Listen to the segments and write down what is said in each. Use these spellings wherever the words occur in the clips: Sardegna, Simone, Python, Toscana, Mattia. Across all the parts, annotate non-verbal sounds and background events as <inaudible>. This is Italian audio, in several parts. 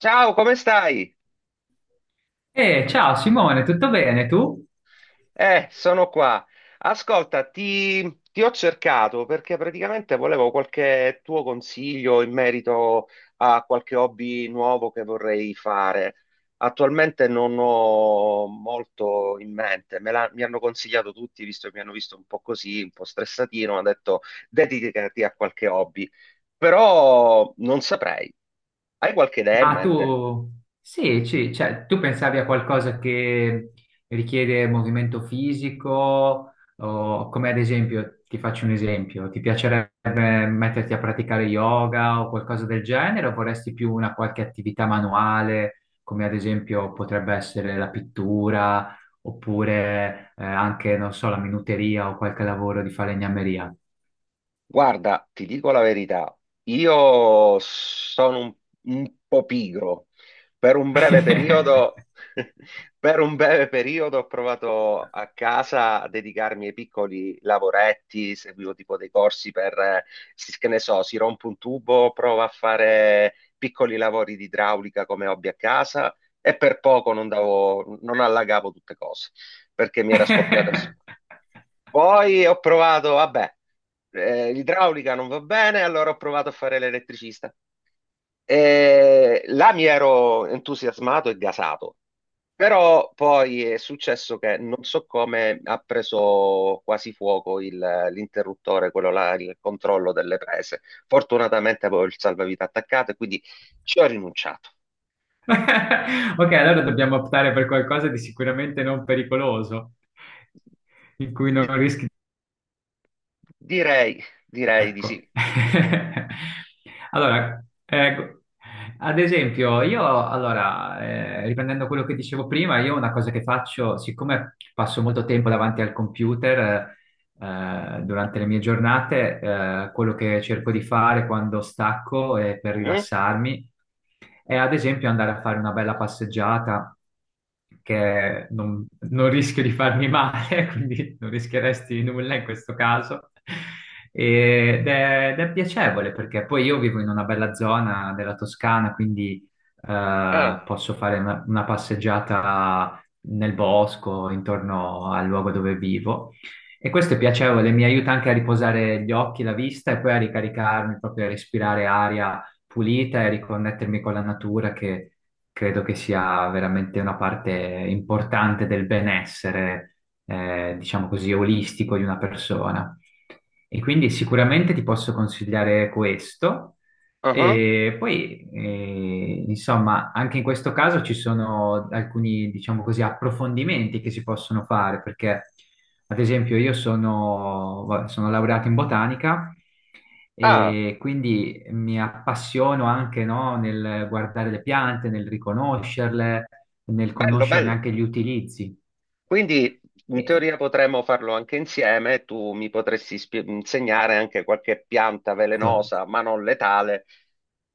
Ciao, come stai? Ciao Simone, tutto bene tu? Sono qua. Ascolta, ti ho cercato perché praticamente volevo qualche tuo consiglio in merito a qualche hobby nuovo che vorrei fare. Attualmente non ho molto in mente, mi hanno consigliato tutti, visto che mi hanno visto un po' così, un po' stressatino, hanno detto dedicati a qualche hobby, però non saprei. Hai qualche idea in Ma mente? tu, sì, cioè, tu pensavi a qualcosa che richiede movimento fisico, o come ad esempio, ti faccio un esempio, ti piacerebbe metterti a praticare yoga o qualcosa del genere, o vorresti più una qualche attività manuale, come ad esempio potrebbe essere la pittura, oppure anche, non so, la minuteria o qualche lavoro di falegnameria? Guarda, ti dico la verità, io sono un po' pigro. Per un breve <laughs> periodo, <laughs> per un breve periodo ho provato a casa a dedicarmi ai piccoli lavoretti, seguivo tipo dei corsi per, che ne so, si rompe un tubo, prova a fare piccoli lavori di idraulica come hobby a casa e per poco non allagavo tutte cose perché mi era scoppiata. <laughs> Poi ho provato, vabbè, l'idraulica non va bene, allora ho provato a fare l'elettricista. E là mi ero entusiasmato e gasato, però poi è successo che non so come ha preso quasi fuoco l'interruttore, quello là, il controllo delle prese. Fortunatamente avevo il salvavita attaccato e quindi ci ho rinunciato. Ok, allora dobbiamo optare per qualcosa di sicuramente non pericoloso, in cui non Di- rischi. direi, direi, di Ecco. sì. <laughs> Allora, ecco, ad esempio, io, allora, riprendendo quello che dicevo prima, io una cosa che faccio, siccome passo molto tempo davanti al computer, durante le mie giornate, quello che cerco di fare quando stacco e per Mhm. rilassarmi è ad esempio andare a fare una bella passeggiata che non rischio di farmi male, <laughs> quindi non rischieresti nulla in questo caso. Ed è piacevole perché poi io vivo in una bella zona della Toscana, quindi Ah, posso fare una passeggiata nel bosco, intorno al luogo dove vivo. E questo è piacevole, mi aiuta anche a riposare gli occhi, la vista e poi a ricaricarmi, proprio a respirare aria pulita e a riconnettermi con la natura, che credo che sia veramente una parte importante del benessere, diciamo così, olistico di una persona. E quindi sicuramente ti posso consigliare questo. ah, ah. E poi, insomma, anche in questo caso ci sono alcuni, diciamo così, approfondimenti che si possono fare, perché, ad esempio, sono laureato in botanica Ah, e quindi mi appassiono anche, no, nel guardare le piante, nel riconoscerle, nel bello, conoscerne bello. anche gli utilizzi. Quindi in E- teoria potremmo farlo anche insieme, tu mi potresti insegnare anche qualche pianta esatto. velenosa, ma non letale,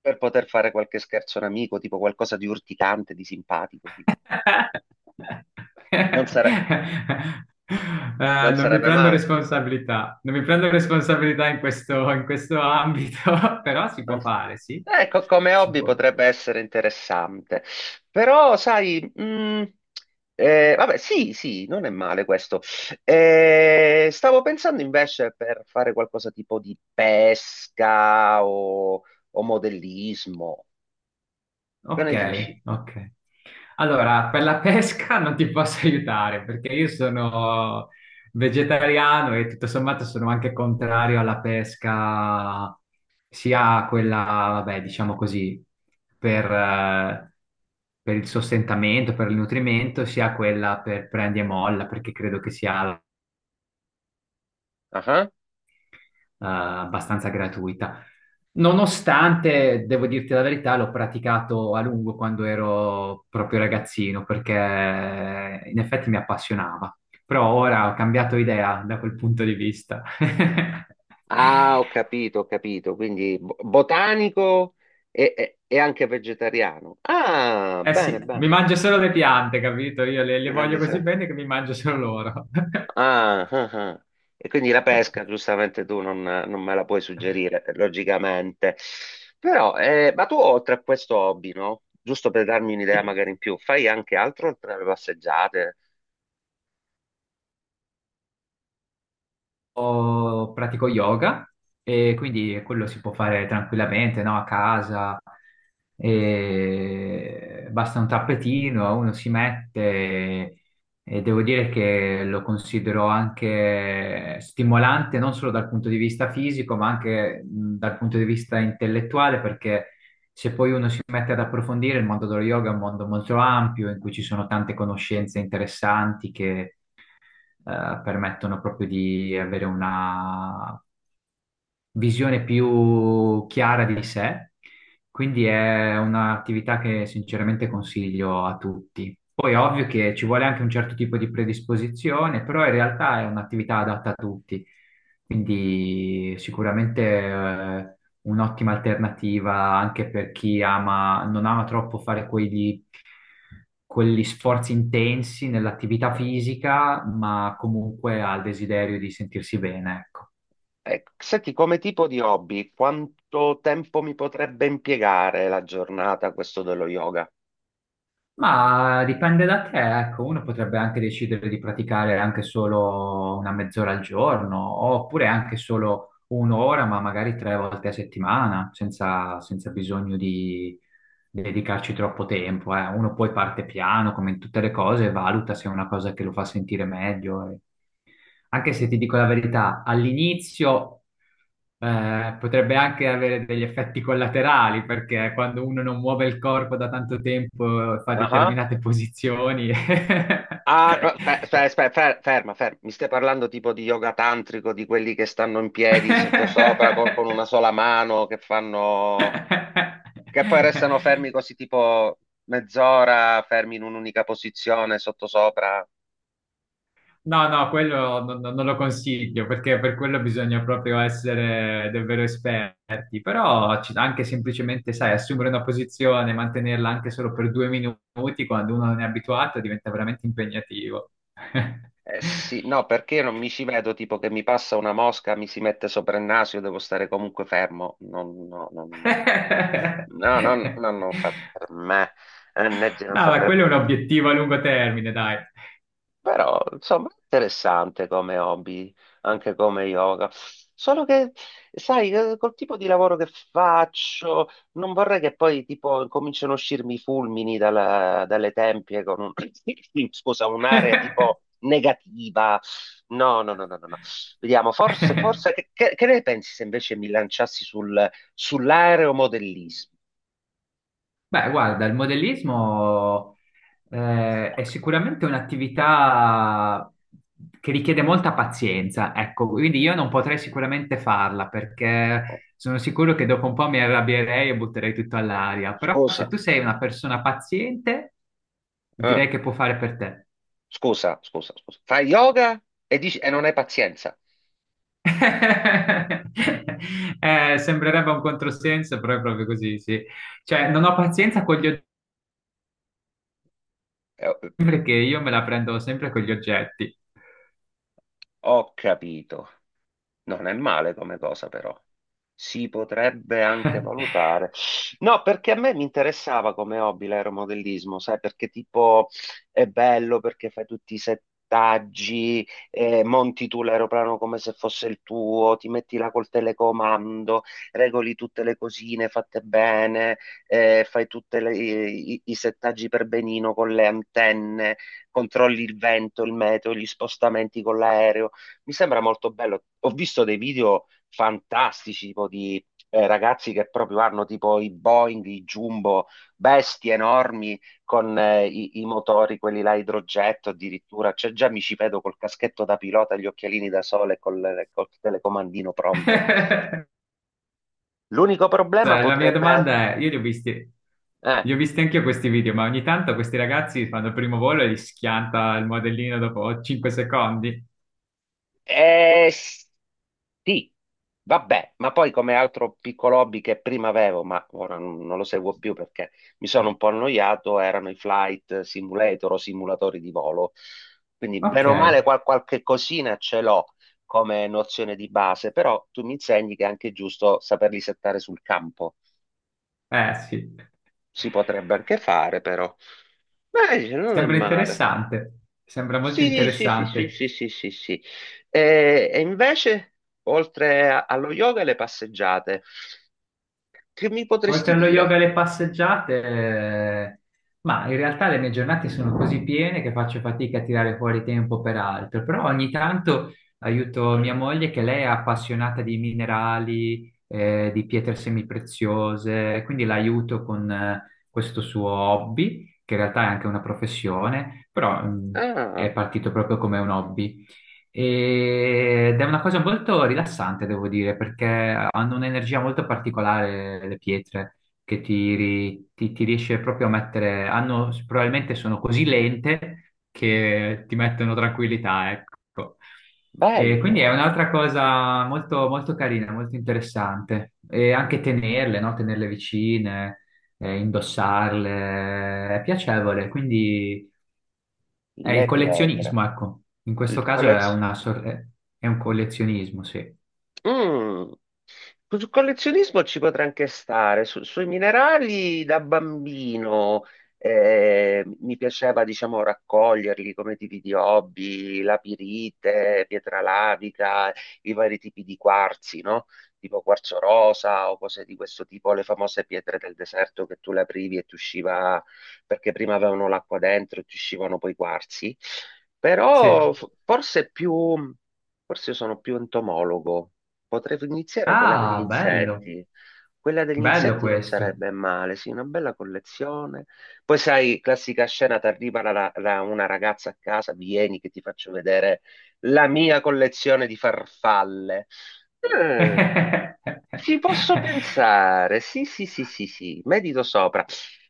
per poter fare qualche scherzo a un amico, tipo qualcosa di urticante, di simpatico. Non sare- non Non mi sarebbe prendo male. responsabilità, non mi prendo responsabilità in questo ambito, <laughs> però si Ma- può fare, sì. Ecco, come Si hobby può. potrebbe essere interessante, però sai, vabbè, sì, sì, non è male questo. Stavo pensando invece per fare qualcosa tipo di pesca o, modellismo, che Ok, ne dici? ok. Allora, per la pesca <laughs> non ti posso aiutare perché io sono vegetariano e tutto sommato sono anche contrario alla pesca, sia quella, vabbè, diciamo così, per, eh, per il sostentamento, per il nutrimento, sia quella per prendi e molla, perché credo che sia Ah, abbastanza gratuita. Nonostante, devo dirti la verità, l'ho praticato a lungo quando ero proprio ragazzino, perché in effetti mi appassionava. Però ora ho cambiato idea da quel punto di vista. <laughs> ah, ho capito, quindi botanico e anche vegetariano. Ah, Eh bene, sì, mi bene. mangio solo le piante, capito? Io Sì, le non voglio di così sé. bene che mi mangio solo loro. <laughs> Ah, ah, ah. E quindi la pesca, giustamente tu non me la puoi suggerire, logicamente. Però, ma tu oltre a questo hobby, no? Giusto per darmi un'idea Sì. magari in più, fai anche altro oltre alle passeggiate? Io pratico yoga e quindi quello si può fare tranquillamente, no? A casa. E basta un tappetino, uno si mette e devo dire che lo considero anche stimolante non solo dal punto di vista fisico, ma anche dal punto di vista intellettuale, perché se poi uno si mette ad approfondire, il mondo dello yoga è un mondo molto ampio in cui ci sono tante conoscenze interessanti che permettono proprio di avere una, visione più chiara di sé, quindi è un'attività che sinceramente consiglio a tutti. Poi è ovvio che ci vuole anche un certo tipo di predisposizione, però in realtà è un'attività adatta a tutti, quindi sicuramente un'ottima alternativa anche per chi ama, non ama troppo fare quegli sforzi intensi nell'attività Ok. fisica, ma comunque ha il desiderio di sentirsi bene, ecco. Ecco, senti, come tipo di hobby, quanto tempo mi potrebbe impiegare la giornata questo dello yoga? Ma dipende da te, ecco, uno potrebbe anche decidere di praticare anche solo una mezz'ora al giorno, oppure anche solo un'ora, ma magari tre volte a settimana, senza bisogno di dedicarci troppo tempo, eh. Uno poi parte piano, come in tutte le cose, e valuta se è una cosa che lo fa sentire meglio. Eh. Anche se ti dico la verità, all'inizio potrebbe anche avere degli effetti collaterali, perché quando uno non muove il corpo da tanto tempo, fa Ah, ah. determinate posizioni. <laughs> Ah, no, ferma, ferma. Mi stai parlando tipo di yoga tantrico, di quelli che stanno in piedi sottosopra con una sola mano, che fanno... che poi restano fermi <laughs> così tipo mezz'ora, fermi in un'unica posizione sottosopra. No, no, quello non lo consiglio perché per quello bisogna proprio essere davvero esperti, però anche semplicemente, sai, assumere una posizione, mantenerla anche solo per due minuti quando uno non è abituato diventa veramente impegnativo. Eh sì, no, perché io non mi ci vedo tipo che mi passa una mosca, mi si mette sopra il naso, io devo stare comunque fermo. Non, no, non, no, no, <laughs> no, non fa per me. NG non No, fa ma per me. quello è un obiettivo a lungo termine, dai. Però, insomma, interessante come hobby, anche come yoga. Solo che, sai, col tipo di lavoro che faccio, non vorrei che poi, tipo, cominciano a uscirmi i fulmini dalle tempie con un, <coughs> scusa, un'area tipo negativa. No, no, no, no, no. No. Vediamo, forse, <laughs> forse, che ne pensi se invece mi lanciassi sul, sull'aeromodellismo? Beh, guarda, il modellismo è sicuramente un'attività che richiede molta pazienza, ecco, quindi io non potrei sicuramente farla perché sono sicuro che dopo un po' mi arrabbierei e butterei tutto all'aria, però se Scusa, tu sei una persona paziente, eh, direi che può fare per te. scusa, scusa, scusa. Fai yoga e dici, e non hai pazienza. <laughs> Sembrerebbe un controsenso, però è proprio così, sì. Cioè, non ho Eh, pazienza con gli oggetti Eh, perché io me la prendo sempre con gli oggetti. Ho capito. Non è male come cosa, però. Si potrebbe anche <laughs> valutare. No, perché a me mi interessava come hobby l'aeromodellismo, sai, perché tipo è bello perché fai tutti i settaggi, monti tu l'aeroplano come se fosse il tuo, ti metti là col telecomando, regoli tutte le cosine fatte bene, fai tutti i settaggi per benino con le antenne, controlli il vento, il meteo, gli spostamenti con l'aereo. Mi sembra molto bello. Ho visto dei video fantastici, tipo di ragazzi che proprio hanno tipo i Boeing, i Jumbo, bestie enormi con i motori, quelli là a idrogetto addirittura. Cioè, già mi ci vedo col caschetto da pilota, gli occhialini da sole e col telecomandino pronto. <laughs> L'unico problema Cioè, la mia potrebbe... domanda è, io Eh, li ho visti anche io questi video, ma ogni tanto questi ragazzi fanno il primo volo e gli schianta il modellino dopo 5 secondi. eh, Sì, vabbè, ma poi come altro piccolo hobby che prima avevo, ma ora non lo seguo più perché mi sono un po' annoiato, erano i flight simulator o simulatori di volo. Quindi Ok, bene o male qualche cosina ce l'ho come nozione di base, però tu mi insegni che è anche giusto saperli settare sul campo. eh sì. Si potrebbe anche fare, però. Beh, dice, non è Sembra male. interessante, sembra molto Sì, sì, sì, sì, interessante. sì, sì, sì, sì. E, invece, allo yoga, le passeggiate. Che mi Oltre potresti allo yoga e dire? alle <clears throat> passeggiate, ma in realtà le mie giornate sono così piene che faccio fatica a tirare fuori tempo per altro, però ogni tanto aiuto mia Mm. moglie che lei è appassionata di minerali, di pietre semipreziose, quindi l'aiuto con questo suo hobby, che in realtà è anche una professione, però mm, è Ah, partito proprio come un hobby. Ed è una cosa molto rilassante, devo dire, perché hanno un'energia molto particolare le pietre che ti riesce proprio a mettere, hanno, probabilmente sono così lente che ti mettono tranquillità, ecco. E quindi è bello, un'altra cosa molto, molto carina, molto interessante. E anche tenerle, no? Tenerle vicine, indossarle, è piacevole, quindi... È il le pietre, collezionismo, ecco. In il questo caso è collez- una è un collezionismo, sì. Mm. Sul collezionismo ci potrei anche stare, sui minerali da bambino mi piaceva diciamo raccoglierli come tipi di hobby, la pirite, pietra lavica, i vari tipi di quarzi, no? Tipo quarzo rosa o cose di questo tipo, le famose pietre del deserto che tu le aprivi e ti usciva, perché prima avevano l'acqua dentro e ti uscivano poi i quarzi, però Sì. Forse più, forse sono più entomologo. Potrei iniziare quella degli Ah, bello. insetti. Quella degli Bello insetti non questo. sarebbe male, sì, una bella collezione. Poi sai, classica scena, ti arriva una ragazza a casa, vieni che ti faccio vedere la mia collezione di farfalle. Eh, <laughs> Ci posso pensare, sì, sì, sì, sì, sì, medito sopra.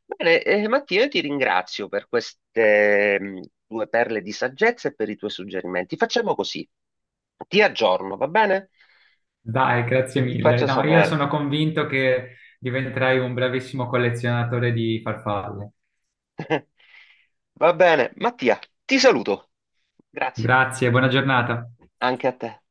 Bene, Mattia, io ti ringrazio per queste tue perle di saggezza e per i tuoi suggerimenti. Facciamo così, ti aggiorno, va bene? Dai, grazie Ti mille. faccio No, io sapere. sono convinto che diventerai un bravissimo collezionatore di farfalle. <laughs> Va bene, Mattia, ti saluto. Grazie, Grazie, buona giornata. anche a te.